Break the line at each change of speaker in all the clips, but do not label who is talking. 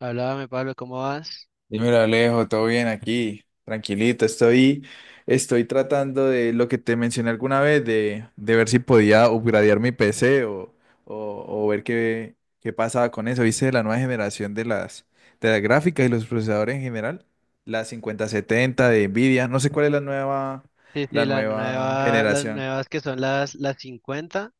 Háblame, Pablo, ¿cómo vas?
Dímelo, Alejo, todo bien aquí, tranquilito. Estoy tratando de lo que te mencioné alguna vez, de ver si podía upgradear mi PC o ver qué pasaba con eso. ¿Viste la nueva generación de las gráficas y los procesadores en general? La 5070 de Nvidia, no sé cuál es la nueva,
Sí, sí,
la
la
nueva
nueva, las
generación.
nuevas que son las 50.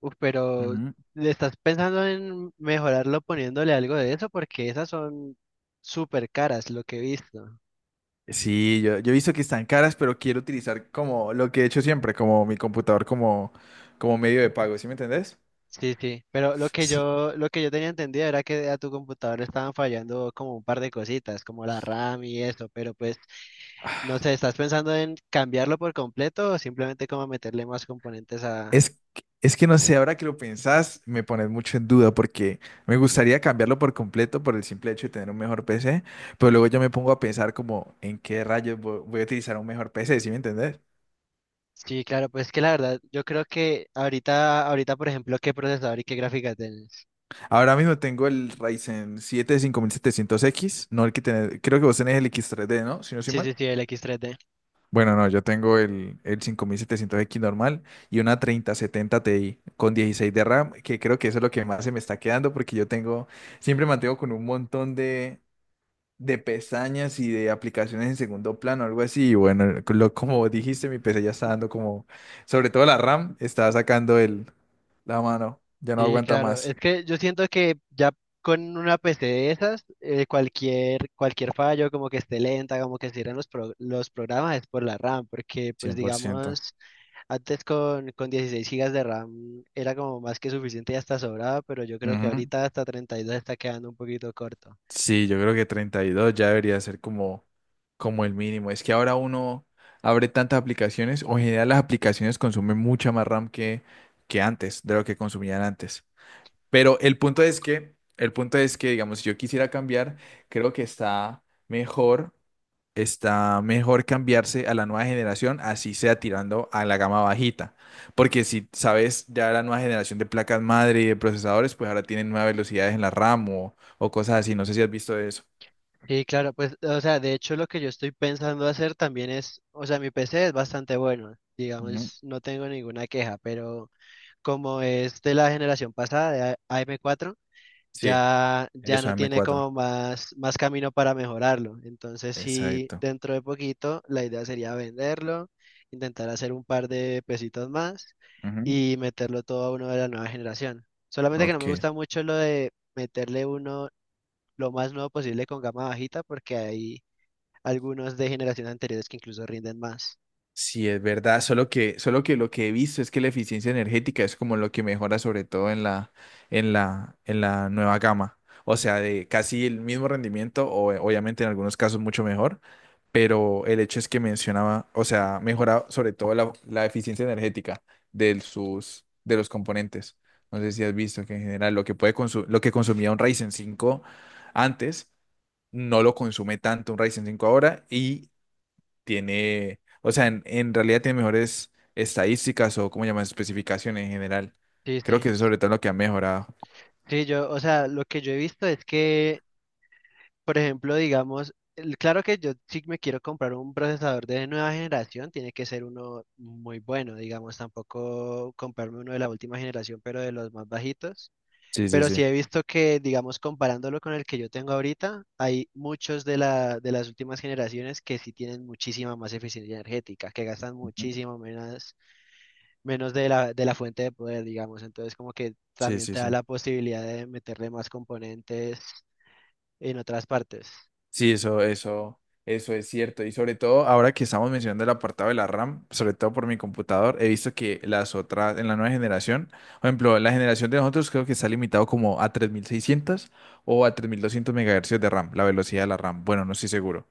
Uf, pero
Ujú.
¿le estás pensando en mejorarlo poniéndole algo de eso? Porque esas son súper caras, lo que he visto.
Sí, yo he visto que están caras, pero quiero utilizar como lo que he hecho siempre, como mi computador como medio de pago, ¿sí me entendés?
Sí, sí, pero lo que
S-
yo, lo que yo tenía entendido era que a tu computador le estaban fallando como un par de cositas, como la RAM y eso, pero pues, no sé, ¿estás pensando en cambiarlo por completo o simplemente como meterle más componentes a?
Es, es que no sé, ahora que lo pensás, me pones mucho en duda porque me gustaría cambiarlo por completo por el simple hecho de tener un mejor PC, pero luego yo me pongo a pensar como en qué rayos voy a utilizar un mejor PC, ¿sí me entendés?
Sí, claro, pues que la verdad, yo creo que ahorita, por ejemplo, ¿qué procesador y qué gráfica tienes?
Ahora mismo tengo el Ryzen 7 5700X, no el que tenés, creo que vos tenés el X3D, ¿no? Si no soy
Sí,
mal.
sí, sí, el X3D.
Bueno, no, yo tengo el 5700X normal y una 3070 Ti con 16 de RAM, que creo que eso es lo que más se me está quedando porque yo tengo... Siempre mantengo con un montón de pestañas y de aplicaciones en segundo plano, algo así. Y bueno, como dijiste, mi PC ya está dando como, sobre todo la RAM, está sacando la mano, ya no
Sí,
aguanta
claro,
más.
es que yo siento que ya con una PC de esas, cualquier fallo, como que esté lenta, como que cierren los programas, es por la RAM, porque pues
100%.
digamos, antes con 16 gigas de RAM era como más que suficiente y hasta sobraba, pero yo creo que
Ujú.
ahorita hasta 32 está quedando un poquito corto.
Sí, yo creo que 32 ya debería ser como, como el mínimo. Es que ahora uno abre tantas aplicaciones, o en general las aplicaciones consumen mucha más RAM que antes, de lo que consumían antes. Pero el punto es que, digamos, si yo quisiera cambiar, creo que está mejor cambiarse a la nueva generación, así sea tirando a la gama bajita. Porque si sabes, ya la nueva generación de placas madre y de procesadores, pues ahora tienen nuevas velocidades en la RAM o cosas así. No sé si has visto eso.
Sí, claro, pues, o sea, de hecho lo que yo estoy pensando hacer también es, o sea, mi PC es bastante bueno,
Ujú.
digamos, no tengo ninguna queja, pero como es de la generación pasada, de AM4,
Sí,
ya, ya
eso.
no
M
tiene como
cuatro.
más camino para mejorarlo. Entonces, sí,
Exacto.
dentro de poquito, la idea sería venderlo, intentar hacer un par de pesitos más
Ujú.
y meterlo todo a uno de la nueva generación. Solamente que no me
Ok.
gusta mucho lo de meterle uno lo más nuevo posible con gama bajita porque hay algunos de generaciones anteriores que incluso rinden más.
Sí, es verdad, solo que lo que he visto es que la eficiencia energética es como lo que mejora sobre todo en la nueva gama. O sea, de casi el mismo rendimiento, o obviamente en algunos casos mucho mejor, pero el hecho es que mencionaba, o sea, mejora sobre todo la eficiencia energética de los componentes. No sé si has visto que en general lo que lo que consumía un Ryzen 5 antes no lo consume tanto un Ryzen 5 ahora y tiene, o sea, en realidad tiene mejores estadísticas o, ¿cómo llaman? Especificaciones en general.
Sí,
Creo
sí.
que eso es sobre todo lo que ha mejorado.
Sí, yo, o sea, lo que yo he visto es que, por ejemplo, digamos, claro que yo si me quiero comprar un procesador de nueva generación, tiene que ser uno muy bueno, digamos, tampoco comprarme uno de la última generación, pero de los más bajitos.
Sí, sí,
Pero
sí.
sí he visto que, digamos, comparándolo con el que yo tengo ahorita, hay muchos de las últimas generaciones que sí tienen muchísima más eficiencia energética, que gastan
Ujú.
muchísimo menos de la fuente de poder, digamos. Entonces, como que
Sí,
también
sí,
te da
sí.
la posibilidad de meterle más componentes en otras partes.
Sí, eso es cierto. Y sobre todo, ahora que estamos mencionando el apartado de la RAM, sobre todo por mi computador, he visto que las otras, en la nueva generación, por ejemplo, la generación de nosotros creo que está limitado como a 3600 o a 3200 MHz de RAM, la velocidad de la RAM. Bueno, no estoy seguro.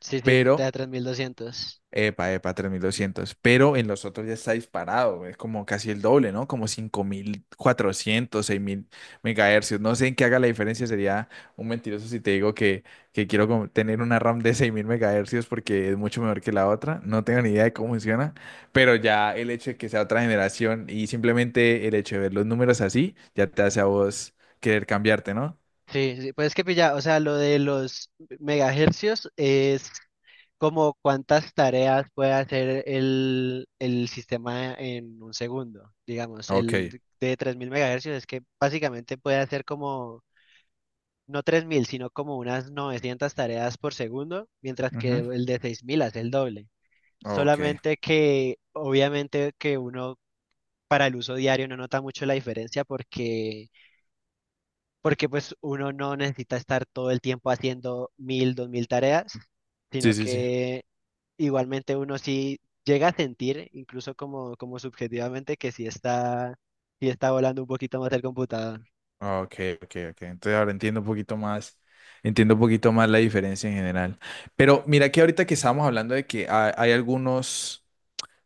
Sí, sí, te da
Pero
3200.
Epa, epa, 3200. Pero en los otros ya está disparado. Es como casi el doble, ¿no? Como 5400, 6000 megahercios. No sé en qué haga la diferencia. Sería un mentiroso si te digo que quiero como tener una RAM de 6000 megahercios porque es mucho mejor que la otra. No tengo ni idea de cómo funciona. Pero ya el hecho de que sea otra generación y simplemente el hecho de ver los números así ya te hace a vos querer cambiarte, ¿no?
Sí, sí, pues es que pilla, o sea, lo de los megahercios es como cuántas tareas puede hacer el sistema en un segundo. Digamos,
Ok.
el de 3000 megahercios es que básicamente puede hacer como, no 3000 sino como unas 900 tareas por segundo, mientras que
Ujú.
el de 6000 hace el doble.
Ok.
Solamente que obviamente que uno para el uso diario no nota mucho la diferencia porque, pues uno no necesita estar todo el tiempo haciendo 1000 2000 tareas sino
Sí, sí, sí.
que igualmente uno sí llega a sentir, incluso como, subjetivamente, que sí está volando un poquito más el computador.
Ah, ok, ok, ok. Entonces ahora entiendo un poquito más, entiendo un poquito más la diferencia en general. Pero mira que ahorita que estábamos hablando de que hay algunos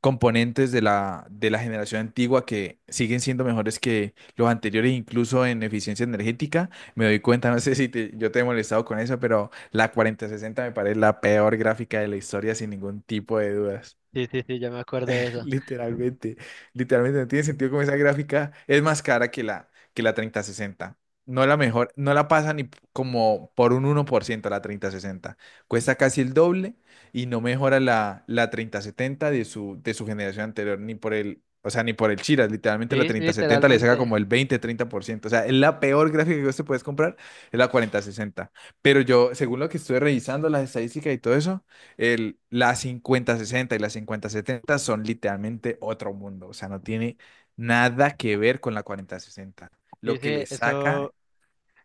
componentes de la generación antigua que siguen siendo mejores que los anteriores, incluso en eficiencia energética, me doy cuenta, no sé si yo te he molestado con eso, pero la 4060 me parece la peor gráfica de la historia sin ningún tipo de dudas.
Sí, sí, sí, yo me acuerdo de eso.
Literalmente, literalmente, no tiene sentido como esa gráfica es más cara que la 3060. No la mejor, no la pasa ni como por un 1% la 3060. Cuesta casi el doble y no mejora la 3070 de su generación anterior, ni por el, o sea, ni por el Chiras. Literalmente la
Sí, sí,
3070 le saca
literalmente.
como el 20-30%. O sea, es la peor gráfica que vos te puedes comprar, es la 4060. Pero yo, según lo que estuve revisando, las estadísticas y todo eso, la 5060 y la 5070 son literalmente otro mundo, o sea, no tiene nada que ver con la 4060.
Sí,
Lo que
sí,
le saca
eso,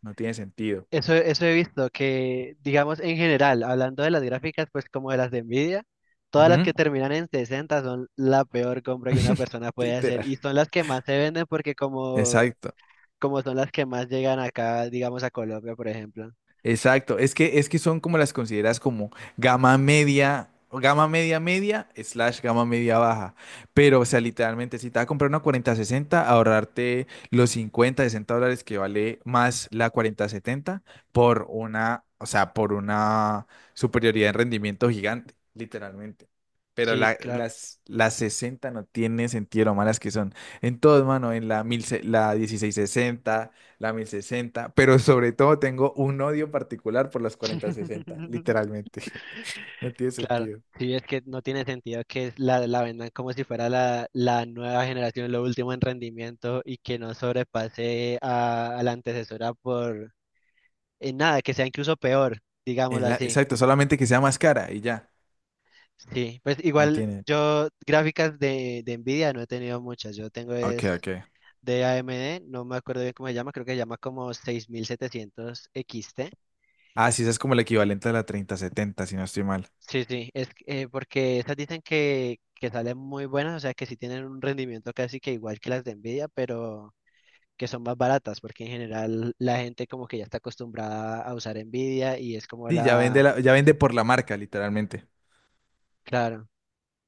no tiene sentido.
eso, eso he visto, que digamos en general, hablando de las gráficas, pues como de las de Nvidia, todas las que
Ujú.
terminan en 60 son la peor compra que una persona puede hacer
Literal.
y son las que más se venden porque como,
Exacto.
como son las que más llegan acá, digamos a Colombia, por ejemplo.
Exacto, es que son como las consideras como gama media, o gama media media, slash gama media baja. Pero, o sea, literalmente, si te vas a comprar una 4060, ahorrarte los 50, $60 que vale más la 4070 por una superioridad en rendimiento gigante, literalmente. Pero
Sí,
la-
claro.
las, las 60 no tiene sentido lo malas que son. En todo, mano, en la 1660. La 1060, pero sobre todo tengo un odio particular por las 4060 literalmente. No tiene
Claro,
sentido.
sí, es que no tiene sentido que la vendan como si fuera la nueva generación, lo último en rendimiento y que no sobrepase a la antecesora por en nada, que sea incluso peor,
Es
digámoslo así.
exacto, solamente que sea más cara y ya.
Sí, pues
No
igual
tiene.
yo gráficas de Nvidia no he tenido muchas, yo tengo
Ok,
es
ok.
de AMD, no me acuerdo bien cómo se llama, creo que se llama como 6700 XT.
Ah, sí, esa es como el equivalente a la 3070 si no estoy mal.
Sí, sí, es que, porque estas dicen que salen muy buenas, o sea que sí tienen un rendimiento casi que igual que las de Nvidia, pero que son más baratas, porque en general la gente como que ya está acostumbrada a usar Nvidia y es como
Sí, ya vende por la marca, literalmente.
claro.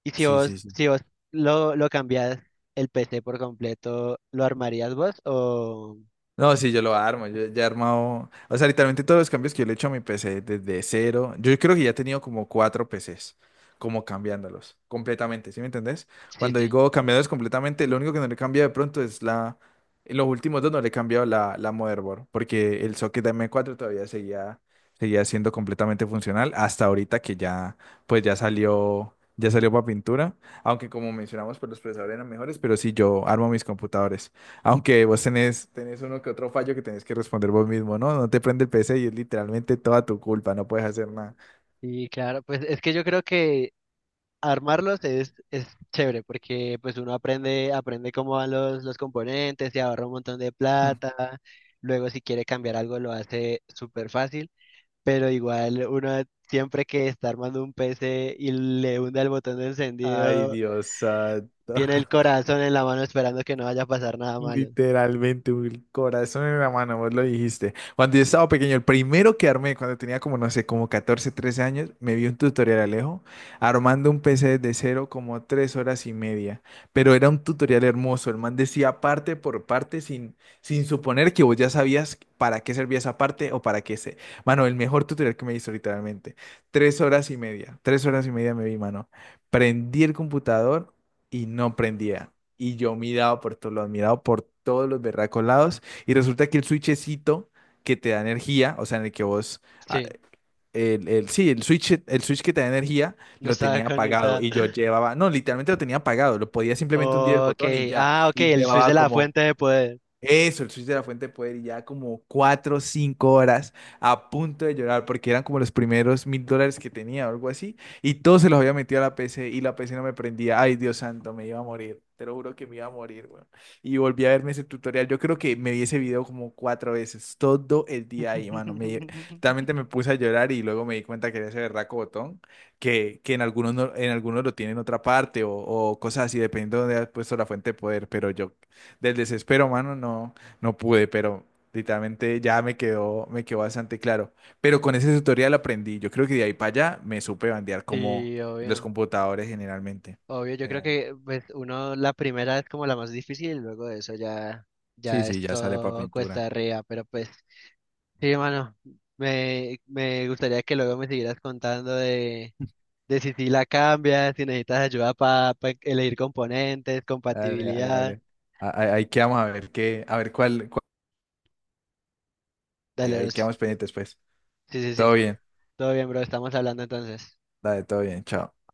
Y si
Sí,
vos,
sí, sí.
si vos lo cambias el PC por completo, ¿lo armarías vos? O
No, sí, yo lo armo, yo ya he armado, o sea, literalmente todos los cambios que yo le he hecho a mi PC desde cero, yo creo que ya he tenido como cuatro PCs, como cambiándolos completamente, ¿sí me entendés?
sí,
Cuando
sí.
digo cambiándolos completamente, lo único que no le cambia de pronto es la, en los últimos dos no le he cambiado la motherboard, porque el socket de m cuatro todavía seguía siendo completamente funcional hasta ahorita que ya, pues ya salió para pintura, aunque como mencionamos, pues los procesadores eran mejores, pero sí, yo armo mis computadores. Aunque vos tenés uno que otro fallo que tenés que responder vos mismo, ¿no? No te prende el PC y es literalmente toda tu culpa, no puedes hacer nada.
Y claro, pues es que yo creo que armarlos es chévere porque pues uno aprende cómo van los componentes, y ahorra un montón de plata, luego si quiere cambiar algo lo hace súper fácil, pero igual uno siempre que está armando un PC y le hunde el botón de
Ay,
encendido,
Dios santo.
tiene el corazón en la mano esperando que no vaya a pasar nada malo.
Literalmente, un corazón en la mano, vos lo dijiste. Cuando yo estaba pequeño, el primero que armé, cuando tenía como, no sé, como 14, 13 años, me vi un tutorial, Alejo, armando un PC desde cero como 3 horas y media. Pero era un tutorial hermoso, el man decía parte por parte sin suponer que vos ya sabías para qué servía esa parte o para qué se... Mano, el mejor tutorial que me hizo literalmente. 3 horas y media, 3 horas y media me vi, mano. Prendí el computador y no prendía. Y yo miraba por todos lados, miraba por todos los berracos lados. Y resulta que el switchecito que te da energía, o sea, en el que vos, ah,
Sí,
sí, el switch que te da energía,
no
lo
estaba
tenía apagado.
conectada.
Y yo llevaba, no, literalmente lo tenía apagado. Lo podía simplemente hundir el
Ok,
botón y ya.
ah, ok,
Y
el switch de
llevaba
la
como
fuente de poder.
eso, el switch de la fuente de poder y ya como 4 o 5 horas a punto de llorar porque eran como los primeros $1000 que tenía o algo así y todos se los había metido a la PC y la PC no me prendía. Ay, Dios santo, me iba a morir. Te lo juro que me iba a morir, weón. Y volví a verme ese tutorial. Yo creo que me vi ese video como cuatro veces, todo el día ahí, mano. Realmente me puse a llorar y luego me di cuenta que era ese berraco botón que en algunos, en algunos lo tiene en otra parte o cosas así, dependiendo de dónde has puesto la fuente de poder. Pero yo del desespero, mano, no, no pude, pero literalmente ya me quedó bastante claro. Pero con ese tutorial aprendí. Yo creo que de ahí para allá me supe bandear como
Sí,
los
obvio.
computadores generalmente.
Obvio, yo creo
General-
que pues uno la primera es como la más difícil, luego de eso ya,
Sí,
ya
sí,
es
ya sale para
todo cuesta
pintura.
arriba, pero pues sí, hermano, me gustaría que luego me siguieras contando de si sí la cambias, si necesitas ayuda para elegir componentes,
Dale, dale,
compatibilidad,
dale. Ahí quedamos a ver qué, a ver cuál,
dale, bro,
ahí
sí,
quedamos pendientes, pues.
sí, sí,
Todo
sí.
bien,
Todo bien, bro, estamos hablando entonces.
dale, todo bien, chao.